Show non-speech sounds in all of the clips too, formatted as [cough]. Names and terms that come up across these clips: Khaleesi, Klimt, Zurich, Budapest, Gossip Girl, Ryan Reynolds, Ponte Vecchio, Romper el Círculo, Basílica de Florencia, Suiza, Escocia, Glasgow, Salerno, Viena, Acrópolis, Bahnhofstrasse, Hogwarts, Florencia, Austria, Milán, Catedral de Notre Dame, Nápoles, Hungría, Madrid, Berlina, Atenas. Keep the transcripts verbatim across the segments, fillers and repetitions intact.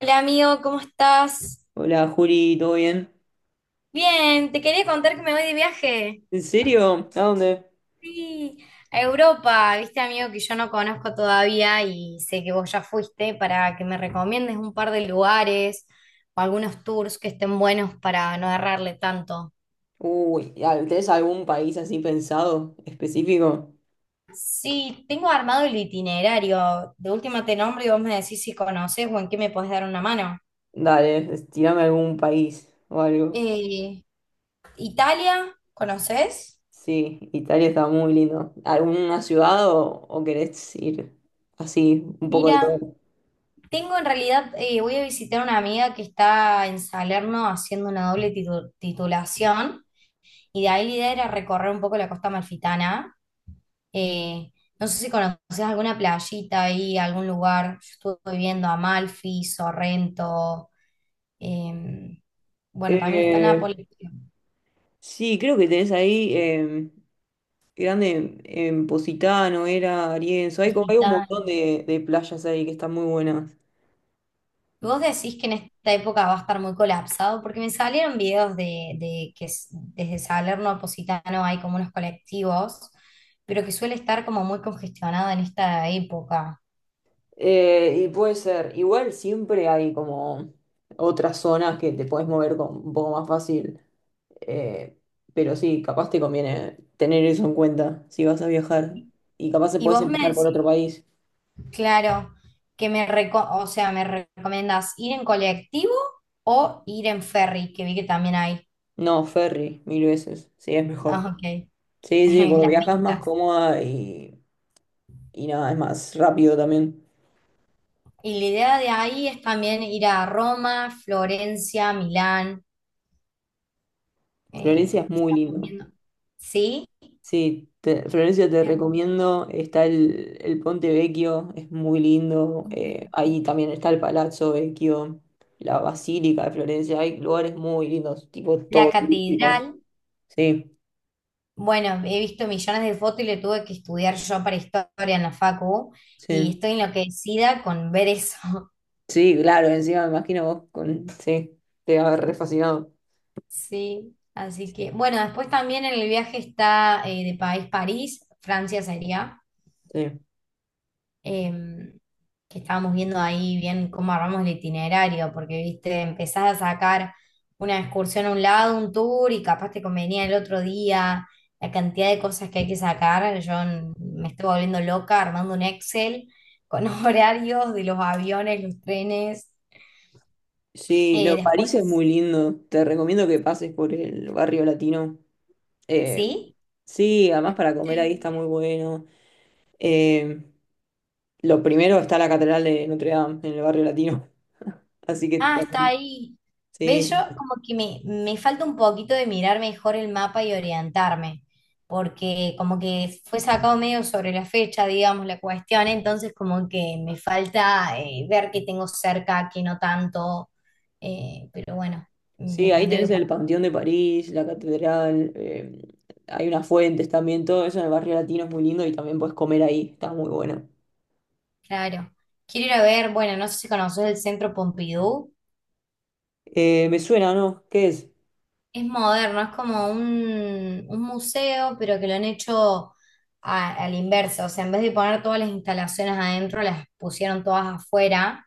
Hola amigo, ¿cómo estás? Hola Juli, ¿todo bien? Bien, te quería contar que me voy de viaje. ¿En serio? ¿A dónde? Sí, a Europa, viste amigo que yo no conozco todavía y sé que vos ya fuiste para que me recomiendes un par de lugares o algunos tours que estén buenos para no errarle tanto. Uy, ya, ¿tenés algún país así pensado, específico? Sí, tengo armado el itinerario. De última te nombro y vos me decís si conoces o en qué me podés dar una mano. Dale, es- tirame algún país o algo. Eh, Italia, ¿conoces? Sí, Italia está muy lindo. ¿Alguna ciudad o, o querés ir así, un poco de Mira. todo? Tengo en realidad, eh, voy a visitar a una amiga que está en Salerno haciendo una doble titu- titulación y de ahí la idea era recorrer un poco la costa amalfitana. Eh, no sé si conoces alguna playita ahí, algún lugar. Yo estuve viendo Amalfi, Sorrento, eh, bueno, también está Eh, Nápoles. sí, creo que tenés ahí em, grande en Positano, era Arienzo. Hay, como, hay un montón de, de playas ahí que están muy buenas. ¿Vos decís que en esta época va a estar muy colapsado? Porque me salieron videos de, de que s- desde Salerno a Positano hay como unos colectivos, pero que suele estar como muy congestionado en esta época. Eh, y puede ser, igual siempre hay como otras zonas que te puedes mover con, un poco más fácil, eh, pero sí, capaz te conviene tener eso en cuenta si vas a viajar. Y capaz te Y puedes vos me empezar por otro decís, país. claro, que me reco- o sea, me recomendás ir en colectivo o ir en ferry, que vi que también hay. No, ferry, mil veces, sí, es mejor. Ah, ok, Sí, sí, [laughs] porque las viajas más vistas. cómoda y, y nada, es más rápido también. Y la idea de ahí es también ir a Roma, Florencia, Milán. eh, Florencia es muy estamos lindo. viendo. ¿Sí? Sí, te- Florencia, te recomiendo. Está el, el Ponte Vecchio, es muy lindo. Eh, ahí también está el Palazzo Vecchio, la Basílica de Florencia. Hay lugares muy lindos, tipo La todo turístico. catedral, Sí, bueno, he visto millones de fotos y le tuve que estudiar yo para historia en la facu y sí, estoy enloquecida con ver eso. [laughs] sí, claro. Encima me imagino vos con. Sí, te va a haber re fascinado. Sí, así que, bueno, después también en el viaje está eh, de país París, Francia sería. Sí, em, que estábamos viendo ahí bien cómo armamos el itinerario, porque, viste, empezás a sacar una excursión a un lado, un tour, y capaz te convenía el otro día, la cantidad de cosas que hay que sacar, yo n- me estoy volviendo loca armando un Excel con [laughs] horarios de los aviones, los trenes, sí, no, eh, París es después, muy lindo. Te recomiendo que pases por el barrio latino. Eh, ¿sí? sí, además para comer ahí está muy bueno. Eh, Lo primero está la Catedral de Notre Dame en el barrio latino. [laughs] Así que Ah, está también. ahí. ¿Ves? Yo Sí, como que me, me falta un poquito de mirar mejor el mapa y orientarme, porque como que fue sacado medio sobre la fecha, digamos, la cuestión, entonces como que me falta eh, ver qué tengo cerca, qué no tanto, eh, pero bueno, me sí, ahí tendré que tenés el poner, Panteón de París, la catedral, eh, hay unas fuentes también, todo eso en el barrio latino es muy lindo y también puedes comer ahí, está muy bueno. claro. Quiero ir a ver, bueno, no sé si conoces el Centro Pompidou. Eh, me suena, ¿no? ¿Qué es? Es moderno, es como un, un museo, pero que lo han hecho a, a la inversa. O sea, en vez de poner todas las instalaciones adentro, las pusieron todas afuera.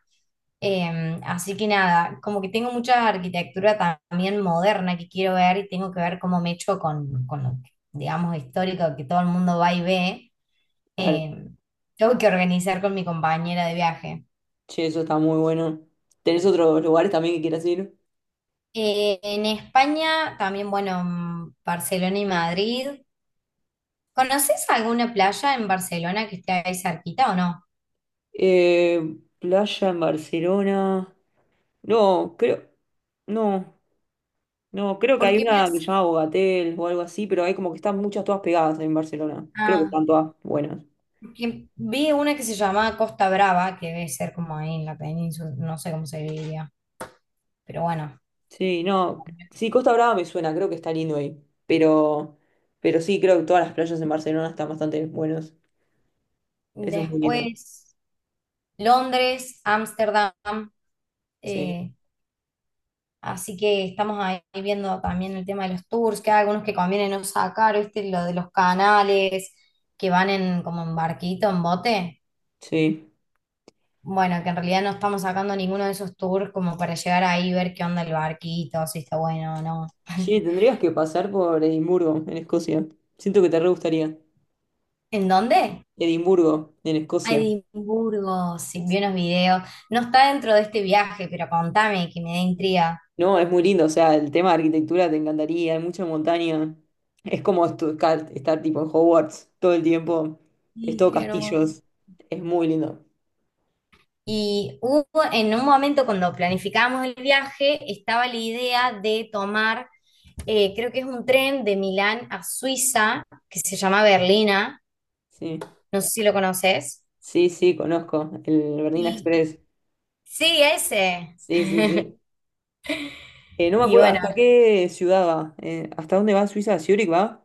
Eh, así que nada, como que tengo mucha arquitectura ta- también moderna que quiero ver y tengo que ver cómo me echo con, con lo, digamos, histórico que todo el mundo va y ve. Claro, Eh, tengo que organizar con mi compañera de viaje. che, eso está muy bueno. ¿Tenés otros lugares también que quieras ir? Eh, en España, también, bueno, mm, Barcelona y Madrid. ¿Conoces alguna playa en Barcelona que esté ahí cerquita o no? Eh, playa en Barcelona. No, creo. No. No, creo que hay Porque me una que se hace- llama Bogatel o algo así, pero hay como que están muchas todas pegadas en Barcelona. Creo que ah, están todas buenas. porque vi una que se llama Costa Brava, que debe ser como ahí en la península, no sé cómo se diría. Pero bueno. Sí, no. Sí, Costa Brava me suena, creo que está lindo ahí. Pero, pero sí, creo que todas las playas en Barcelona están bastante buenas. Eso es muy lindo. Después, Londres, Ámsterdam. Sí, eh, así que estamos ahí viendo también el tema de los tours, que hay algunos que conviene no sacar, ¿viste? Lo de los canales que van en como en barquito, en bote. sí. Bueno, que en realidad no estamos sacando ninguno de esos tours como para llegar ahí y ver qué onda el barquito, si está bueno o no. [laughs] Sí, tendrías que pasar por Edimburgo, en Escocia. Siento que te re gustaría. ¿En dónde? Edimburgo, en A Escocia. Edimburgo, sí, vi unos videos. No está dentro de este viaje, pero contame, que me da intriga. No, es muy lindo, o sea, el tema de arquitectura te encantaría, hay mucha montaña. Es como estu- ca- estar tipo en Hogwarts todo el tiempo, es Sí, todo qué hermoso. castillos, es muy lindo. Y hubo en un momento cuando planificábamos el viaje, estaba la idea de tomar, eh, creo que es un tren de Milán a Suiza, que se llama Berlina, Sí, no sé si lo conoces. sí, sí, conozco el Bernina Y Express. sí, ese. Sí, sí, sí. Eh, no me Y acuerdo bueno, hasta qué ciudad va, eh, hasta dónde va Suiza, Zurich va.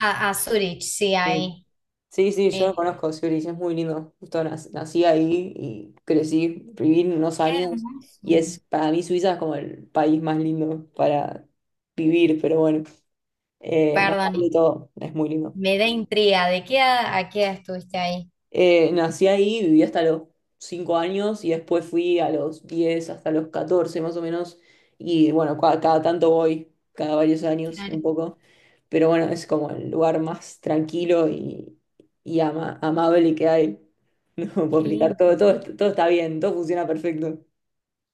A, a Zurich, sí, eh, ahí. Sí, sí, Eh, yo conozco Zurich, es muy lindo. Justo nac- nací ahí y crecí, viví unos qué años hermoso. y es para mí Suiza es como el país más lindo para vivir, pero bueno, eh, nada, hay de Perdón, todo, es muy lindo. me da intriga. ¿De qué a, a qué edad estuviste ahí? Eh, nací ahí, viví hasta los cinco años y después fui a los diez hasta los catorce más o menos. Y bueno, cua- cada, tanto voy, cada varios años Claro, un poco. Pero bueno, es como el lugar más tranquilo y, y ama- amable que hay. [laughs] No puedo qué explicar lindo. todo, todo, todo está bien, todo funciona perfecto,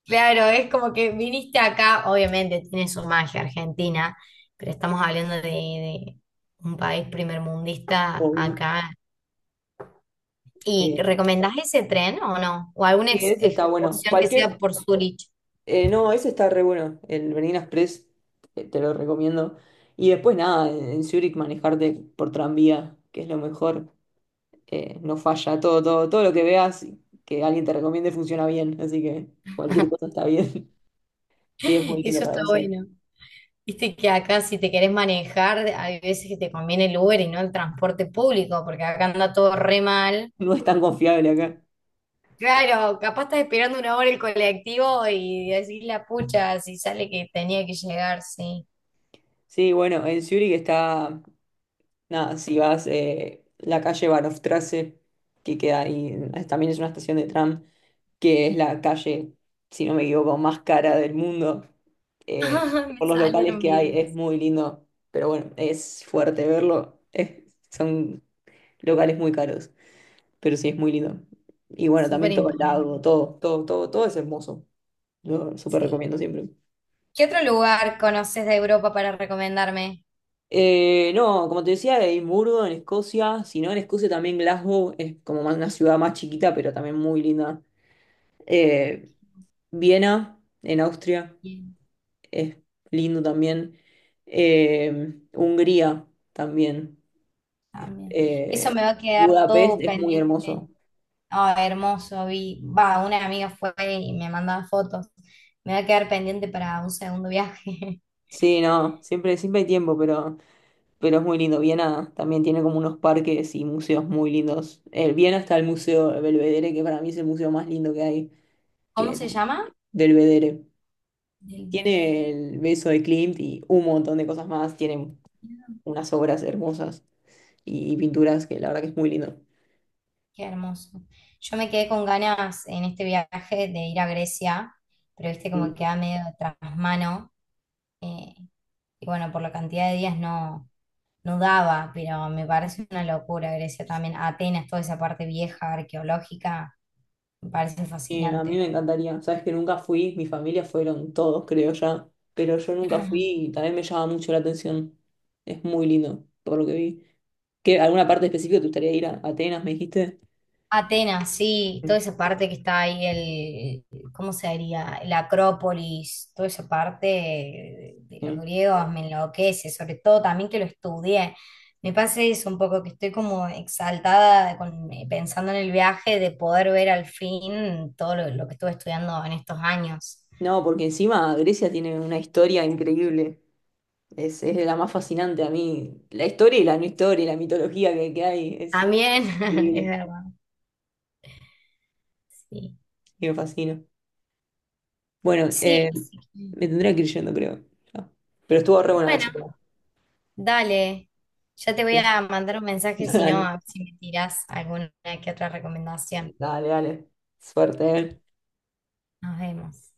Claro, es como que viniste acá, obviamente tiene su magia Argentina, pero estamos hablando de, de un país primermundista obvio. acá. ¿Y Eh, recomendás ese tren o no? ¿O alguna y ex- eso está bueno. excursión que sea Cualquier por Zurich? eh, no, ese está re bueno, el Berlín Express, eh, te lo recomiendo. Y después nada, en, en Zurich manejarte por tranvía, que es lo mejor, eh, no falla, todo, todo, todo lo que veas que alguien te recomiende funciona bien, así que cualquier [laughs] cosa está bien. [laughs] Sí, es muy [laughs] lindo Eso para está pasear. bueno. Viste que acá si te querés manejar, hay veces que te conviene el Uber y no el transporte público, porque acá anda todo re mal. No es tan confiable acá. Claro, capaz estás esperando una hora el colectivo y decís la pucha, si sale que tenía que llegar, sí. Sí, bueno, en Zurich está, nada, si vas eh, la calle Bahnhofstrasse, que queda ahí, eh, también es una estación de tram que es la calle, si no me equivoco, más cara del mundo, eh, [laughs] Me por los locales salieron que hay, es videos. muy lindo, pero bueno, es fuerte verlo, es- son locales muy caros, pero sí es muy lindo. Y bueno, Súper también todo el imponente, lago, todo, todo, todo, todo es hermoso, lo súper sí. recomiendo siempre. ¿Qué otro lugar conoces de Europa para recomendarme? Eh, no, como te decía, Edimburgo en Escocia, si no en Escocia también Glasgow es como más una ciudad más chiquita, pero también muy linda. Eh, Viena en Austria. Es lindo también. Eh, Hungría también. Es- También. Eso me eh, va a quedar Budapest todo es muy hermoso. pendiente. Ah, hermoso, vi. Va, una amiga fue y me mandaba fotos. Me va a quedar pendiente para un segundo viaje. Sí, no, siempre, siempre hay tiempo, pero, pero es muy lindo. Viena también tiene como unos parques y museos muy lindos. El Viena está el Museo Belvedere, que para mí es el museo más lindo que hay, [laughs] ¿Cómo que se llama? del Belvedere. Del bebé. Tiene el beso de Klimt y un montón de cosas más. Tiene unas obras hermosas y pinturas que la verdad que es muy lindo. Qué hermoso. Yo me quedé con ganas en este viaje de ir a Grecia, pero viste como queda medio tras mano. eh, y bueno, por la cantidad de días no, no daba, pero me parece una locura Grecia también. Atenas, toda esa parte vieja, arqueológica. Me parece Eh, a mí fascinante. me encantaría. Sabes que nunca fui, mi familia fueron todos, creo ya, pero yo nunca fui Ajá. y también me llama mucho la atención. Es muy lindo, por lo que vi. ¿Qué, alguna parte específica te gustaría ir a Atenas, me dijiste? Atenas, sí, toda esa parte que está ahí, el, ¿cómo se diría? La Acrópolis, toda esa parte de los Mm. griegos me enloquece, sobre todo también que lo estudié. Me pasa eso un poco, que estoy como exaltada con- eh, pensando en el viaje de poder ver al fin todo lo, lo que estuve estudiando en estos años. No, porque encima Grecia tiene una historia increíble. Es, es de la más fascinante a mí. La historia y la no historia y la mitología que, que hay es También, [laughs] es increíble verdad, sí. y me fascina. Bueno, Sí, eh, así que, me tendría que ir yendo, creo. Ya. Pero estuvo re buena la bueno, charla. dale, ya te voy a mandar un [laughs] mensaje si no, Dale. a ver si me tirás alguna que otra Eh, recomendación. Dale, dale. Suerte. Eh. Nos vemos.